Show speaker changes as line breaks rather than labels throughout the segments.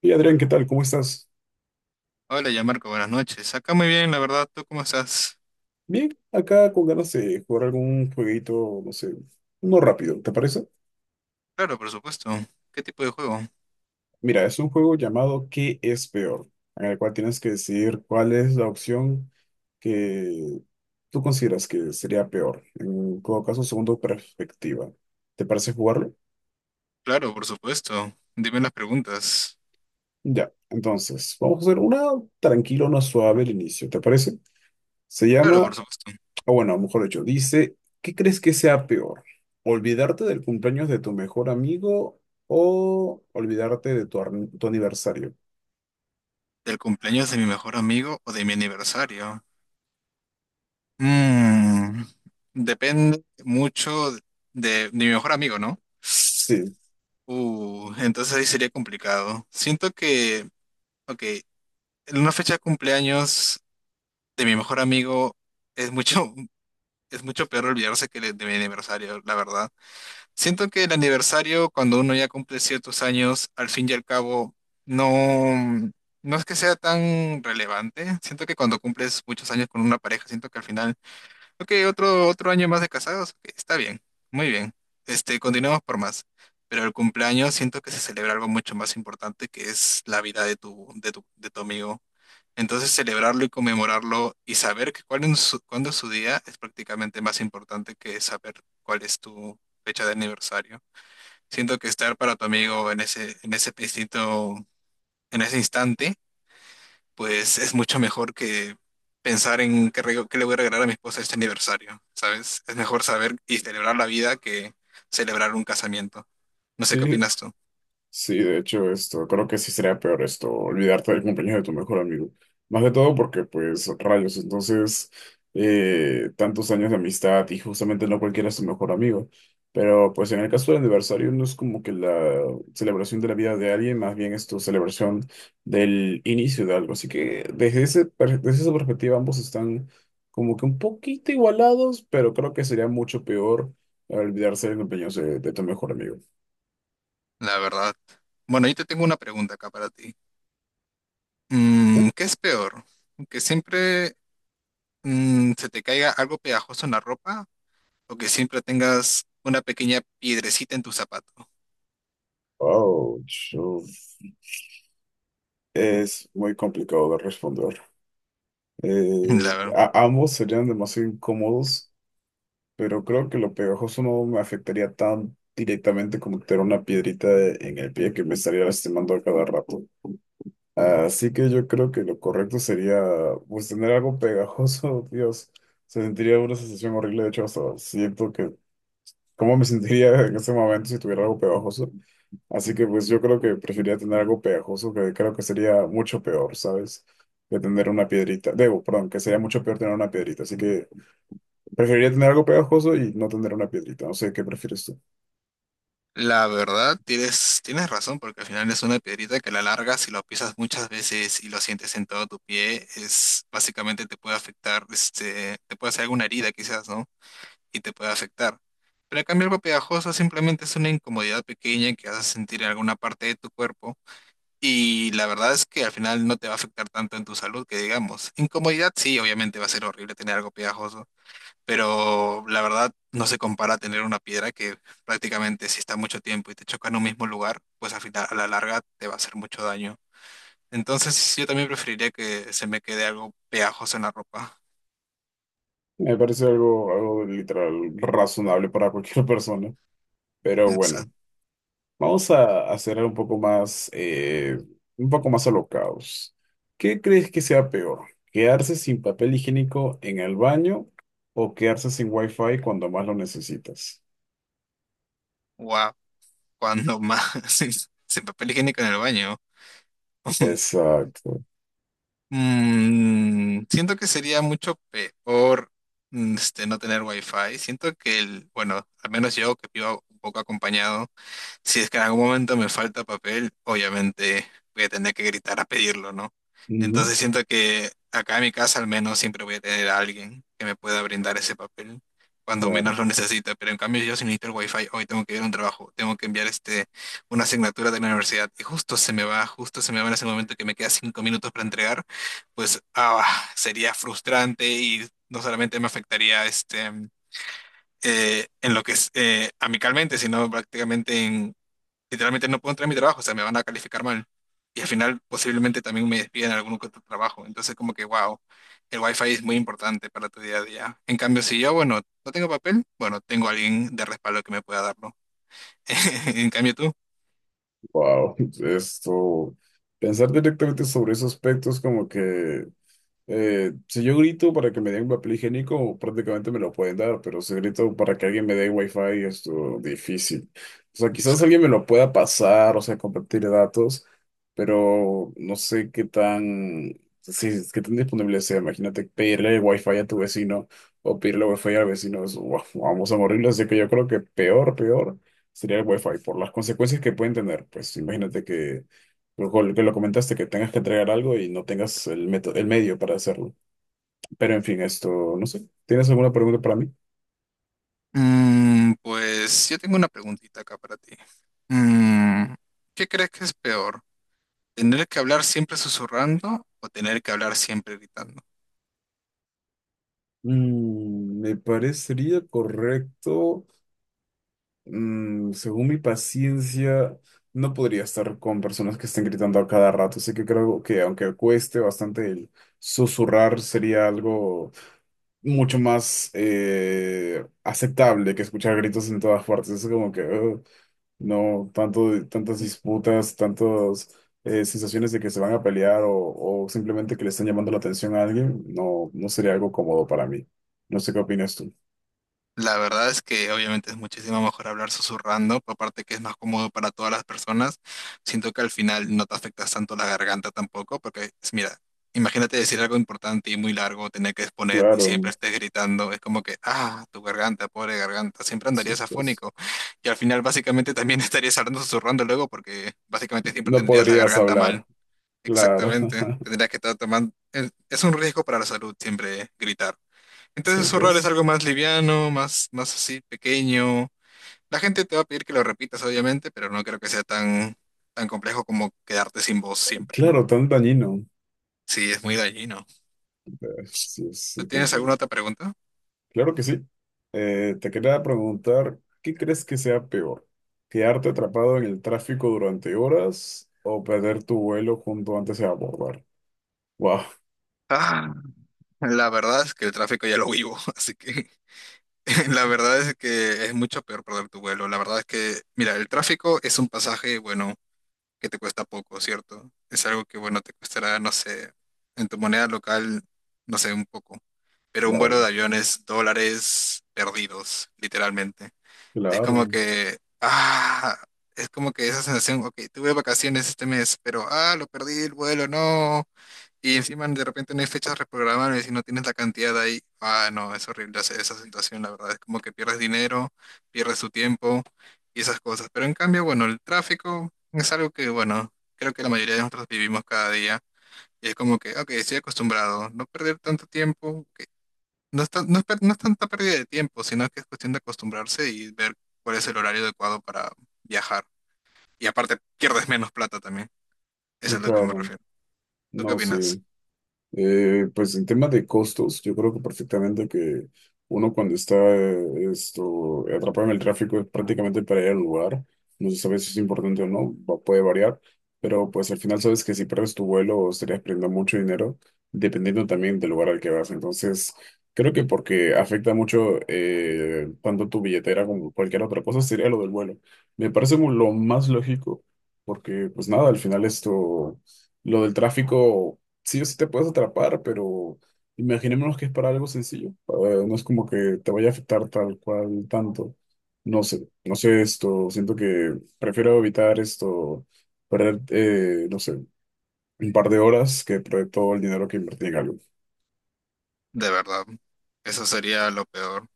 Hey Adrián, ¿qué tal? ¿Cómo estás?
Hola, ya Marco, buenas noches. Acá muy bien, la verdad. ¿Tú cómo estás?
Bien, acá con ganas de jugar algún jueguito, no sé, uno rápido, ¿te parece?
Claro, por supuesto. ¿Qué tipo de juego?
Mira, es un juego llamado ¿Qué es peor? En el cual tienes que decidir cuál es la opción que tú consideras que sería peor, en todo caso, según tu perspectiva. ¿Te parece jugarlo?
Claro, por supuesto. Dime las preguntas.
Ya, entonces, vamos a hacer una tranquila, una suave al inicio, ¿te parece? Se
Claro, por
llama...
supuesto.
O bueno, mejor dicho, dice, ¿qué crees que sea peor? ¿Olvidarte del cumpleaños de tu mejor amigo o olvidarte de tu, tu aniversario?
¿Del cumpleaños de mi mejor amigo o de mi aniversario? Mm, depende mucho de mi mejor amigo, ¿no?
Sí,
Entonces ahí sería complicado. Siento que, ok, en una fecha de cumpleaños de mi mejor amigo es mucho, es mucho peor olvidarse que de mi aniversario, la verdad. Siento que el aniversario, cuando uno ya cumple ciertos años, al fin y al cabo, no, no es que sea tan relevante. Siento que cuando cumples muchos años con una pareja, siento que al final, ok, otro año más de casados, ok, está bien, muy bien. Este, continuemos por más. Pero el cumpleaños siento que se celebra algo mucho más importante que es la vida de de tu amigo. Entonces celebrarlo y conmemorarlo y saber que cuál es su, cuándo es su día es prácticamente más importante que saber cuál es tu fecha de aniversario. Siento que estar para tu amigo en ese instinto, en ese instante, pues es mucho mejor que pensar en qué le voy a regalar a mi esposa este aniversario, ¿sabes? Es mejor saber y celebrar la vida que celebrar un casamiento. No sé qué
sí.
opinas tú,
Sí, de hecho, esto, creo que sí sería peor esto, olvidarte del cumpleaños de tu mejor amigo. Más de todo porque, pues, rayos, entonces, tantos años de amistad y justamente no cualquiera es tu mejor amigo. Pero, pues, en el caso del aniversario no es como que la celebración de la vida de alguien, más bien es tu celebración del inicio de algo. Así que, desde esa perspectiva, ambos están como que un poquito igualados, pero creo que sería mucho peor olvidarse del cumpleaños de tu mejor amigo.
la verdad. Bueno, yo te tengo una pregunta acá para ti. Mm, ¿qué es peor? ¿Que siempre se te caiga algo pegajoso en la ropa o que siempre tengas una pequeña piedrecita en tu zapato?
Wow, es muy complicado de responder.
La verdad.
Ambos serían demasiado incómodos, pero creo que lo pegajoso no me afectaría tan directamente como tener una piedrita en el pie que me estaría lastimando a cada rato. Así que yo creo que lo correcto sería, pues, tener algo pegajoso. Dios. Se sentiría una sensación horrible, de hecho, hasta siento que... ¿Cómo me sentiría en ese momento si tuviera algo pegajoso? Así que pues yo creo que preferiría tener algo pegajoso, que creo que sería mucho peor, ¿sabes? Que tener una piedrita. Debo, perdón, que sería mucho peor tener una piedrita. Así que preferiría tener algo pegajoso y no tener una piedrita. No sé, ¿qué prefieres tú?
La verdad, tienes razón, porque al final es una piedrita que a la larga, si lo pisas muchas veces y lo sientes en todo tu pie, es básicamente te puede afectar, este, te puede hacer alguna herida quizás, ¿no? Y te puede afectar. Pero en cambio algo pegajoso simplemente es una incomodidad pequeña que vas a sentir en alguna parte de tu cuerpo y la verdad es que al final no te va a afectar tanto en tu salud que digamos. Incomodidad sí, obviamente va a ser horrible tener algo pegajoso, pero la verdad no se compara a tener una piedra que prácticamente si está mucho tiempo y te choca en un mismo lugar, pues al final, a la larga te va a hacer mucho daño. Entonces yo también preferiría que se me quede algo pegajoso en la ropa.
Me parece algo, algo literal razonable para cualquier persona. Pero bueno. Vamos a hacer un poco más alocados. ¿Qué crees que sea peor? ¿Quedarse sin papel higiénico en el baño o quedarse sin wifi cuando más lo necesitas?
Wow, cuando más sin, sin papel higiénico en el baño.
Exacto.
Mm, siento que sería mucho peor este, no tener wifi. Siento que el, bueno, al menos yo que vivo un poco acompañado. Si es que en algún momento me falta papel, obviamente voy a tener que gritar a pedirlo, ¿no?
Ujú.
Entonces siento que acá en mi casa al menos siempre voy a tener a alguien que me pueda brindar ese papel cuando
Claro.
menos lo necesita. Pero en cambio yo si necesito el wifi, hoy tengo que ir a un trabajo, tengo que enviar este, una asignatura de la universidad y justo se me va en ese momento que me queda 5 minutos para entregar, pues ah, sería frustrante y no solamente me afectaría este en lo que es amicalmente, sino prácticamente en, literalmente no puedo entrar a mi trabajo, o sea, me van a calificar mal. Y al final posiblemente también me despiden en algún que otro trabajo. Entonces como que, wow, el wifi es muy importante para tu día a día. En cambio, si yo, bueno, no tengo papel, bueno, tengo alguien de respaldo que me pueda darlo. En cambio tú,
Wow. Esto, pensar directamente sobre esos aspectos como que... Si yo grito para que me den papel higiénico, prácticamente me lo pueden dar, pero si grito para que alguien me dé wifi, es difícil. O sea, quizás alguien me lo pueda pasar, o sea, compartir datos, pero no sé qué tan, si es- qué tan disponible sea. Imagínate pedirle wifi a tu vecino o pedirle wifi al vecino, es, "Guau, vamos a morirlo". Así que yo creo que peor, peor sería el wifi por las consecuencias que pueden tener. Pues imagínate que que lo comentaste, que tengas que entregar algo y no tengas el método, el medio para hacerlo. Pero en fin, esto, no sé. ¿Tienes alguna pregunta para mí?
pues yo tengo una preguntita acá para ti. Mm, ¿qué crees que es peor? ¿Tener que hablar siempre susurrando o tener que hablar siempre gritando?
Mm, me parecería correcto. Mm, según mi paciencia, no podría estar con personas que estén gritando a cada rato. Así que creo que aunque cueste bastante el susurrar, sería algo mucho más aceptable que escuchar gritos en todas partes. Es como que... "Ugh". No, tanto, tantas disputas, tantas sensaciones de que se van a pelear o simplemente que le están llamando la atención a alguien, no, no sería algo cómodo para mí. No sé qué opinas tú.
La verdad es que obviamente es muchísimo mejor hablar susurrando, pero aparte que es más cómodo para todas las personas. Siento que al final no te afectas tanto la garganta tampoco, porque es- mira, imagínate decir algo importante y muy largo, tener que exponer y
Claro,
siempre estés gritando, es como que, ah, tu garganta, pobre garganta, siempre
sí,
andarías
pues.
afónico. Y al final básicamente también estarías hablando susurrando luego, porque básicamente siempre
No
tendrías la
podrías
garganta mal.
hablar. Claro,
Exactamente, tendrías que estar tomando... Es un riesgo para la salud siempre gritar.
sí,
Entonces zurrar es algo
pues.
más liviano, más así, pequeño. La gente te va a pedir que lo repitas, obviamente, pero no creo que sea tan, tan complejo como quedarte sin voz siempre, ¿no?
Claro, tan dañino.
Sí, es muy dañino.
Sí,
¿Tú
sí,
tienes alguna
comprendo.
otra pregunta?
Claro que sí. Te quería preguntar, ¿qué crees que sea peor? ¿Quedarte atrapado en el tráfico durante horas o perder tu vuelo junto antes de abordar? Wow.
Ah, la verdad es que el tráfico ya lo vivo, así que la verdad es que es mucho peor perder tu vuelo. La verdad es que, mira, el tráfico es un pasaje, bueno, que te cuesta poco, ¿cierto? Es algo que, bueno, te costará, no sé, en tu moneda local, no sé, un poco. Pero un
Claro,
vuelo de aviones dólares perdidos, literalmente. Es como
claro,
que, ah, es como que esa sensación, ok, tuve vacaciones este mes, pero, ah, lo perdí el vuelo, no. Y encima de repente no hay fechas reprogramables y no tienes la cantidad ahí. Ah, no, es horrible esa situación, la verdad. Es como que pierdes dinero, pierdes tu tiempo y esas cosas. Pero en cambio, bueno, el tráfico es algo que, bueno, creo que la mayoría de nosotros vivimos cada día. Y es como que, ok, estoy acostumbrado, no perder tanto tiempo, ok, no es tanta pérdida de tiempo, sino que es cuestión de acostumbrarse y ver cuál es el horario adecuado para viajar. Y aparte, pierdes menos plata también. Eso es a lo que me
claro.
refiero. ¿Tú qué
No sé.
opinas?
Pues en tema de costos, yo creo que perfectamente que uno cuando está esto, atrapado en el tráfico es prácticamente para ir al lugar. No se sabe si es importante o no, puede variar, pero pues al final sabes que si pierdes tu vuelo estarías perdiendo mucho dinero, dependiendo también del lugar al que vas. Entonces, creo que porque afecta mucho tanto tu billetera como cualquier otra cosa, sería lo del vuelo. Me parece lo más lógico, porque pues nada, al final esto, lo del tráfico sí o sí te puedes atrapar, pero imaginémonos que es para algo sencillo. No es como que te vaya a afectar tal cual tanto. No sé, no sé esto. Siento que prefiero evitar esto, perder, no sé, un par de horas que perder todo el dinero que invertí en algo.
De verdad, eso sería lo peor.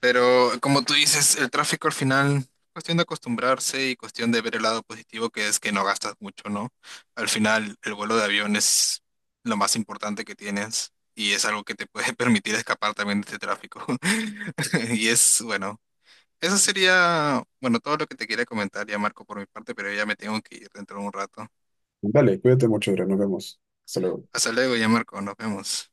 Pero como tú dices, el tráfico al final, cuestión de acostumbrarse y cuestión de ver el lado positivo, que es que no gastas mucho, ¿no? Al final, el vuelo de avión es lo más importante que tienes y es algo que te puede permitir escapar también de este tráfico. Y es, bueno. Eso sería, bueno, todo lo que te quería comentar ya, Marco, por mi parte, pero ya me tengo que ir dentro de un rato.
Dale, cuídate mucho, Adrián. Nos vemos. Hasta luego.
Hasta luego ya, Marco, nos vemos.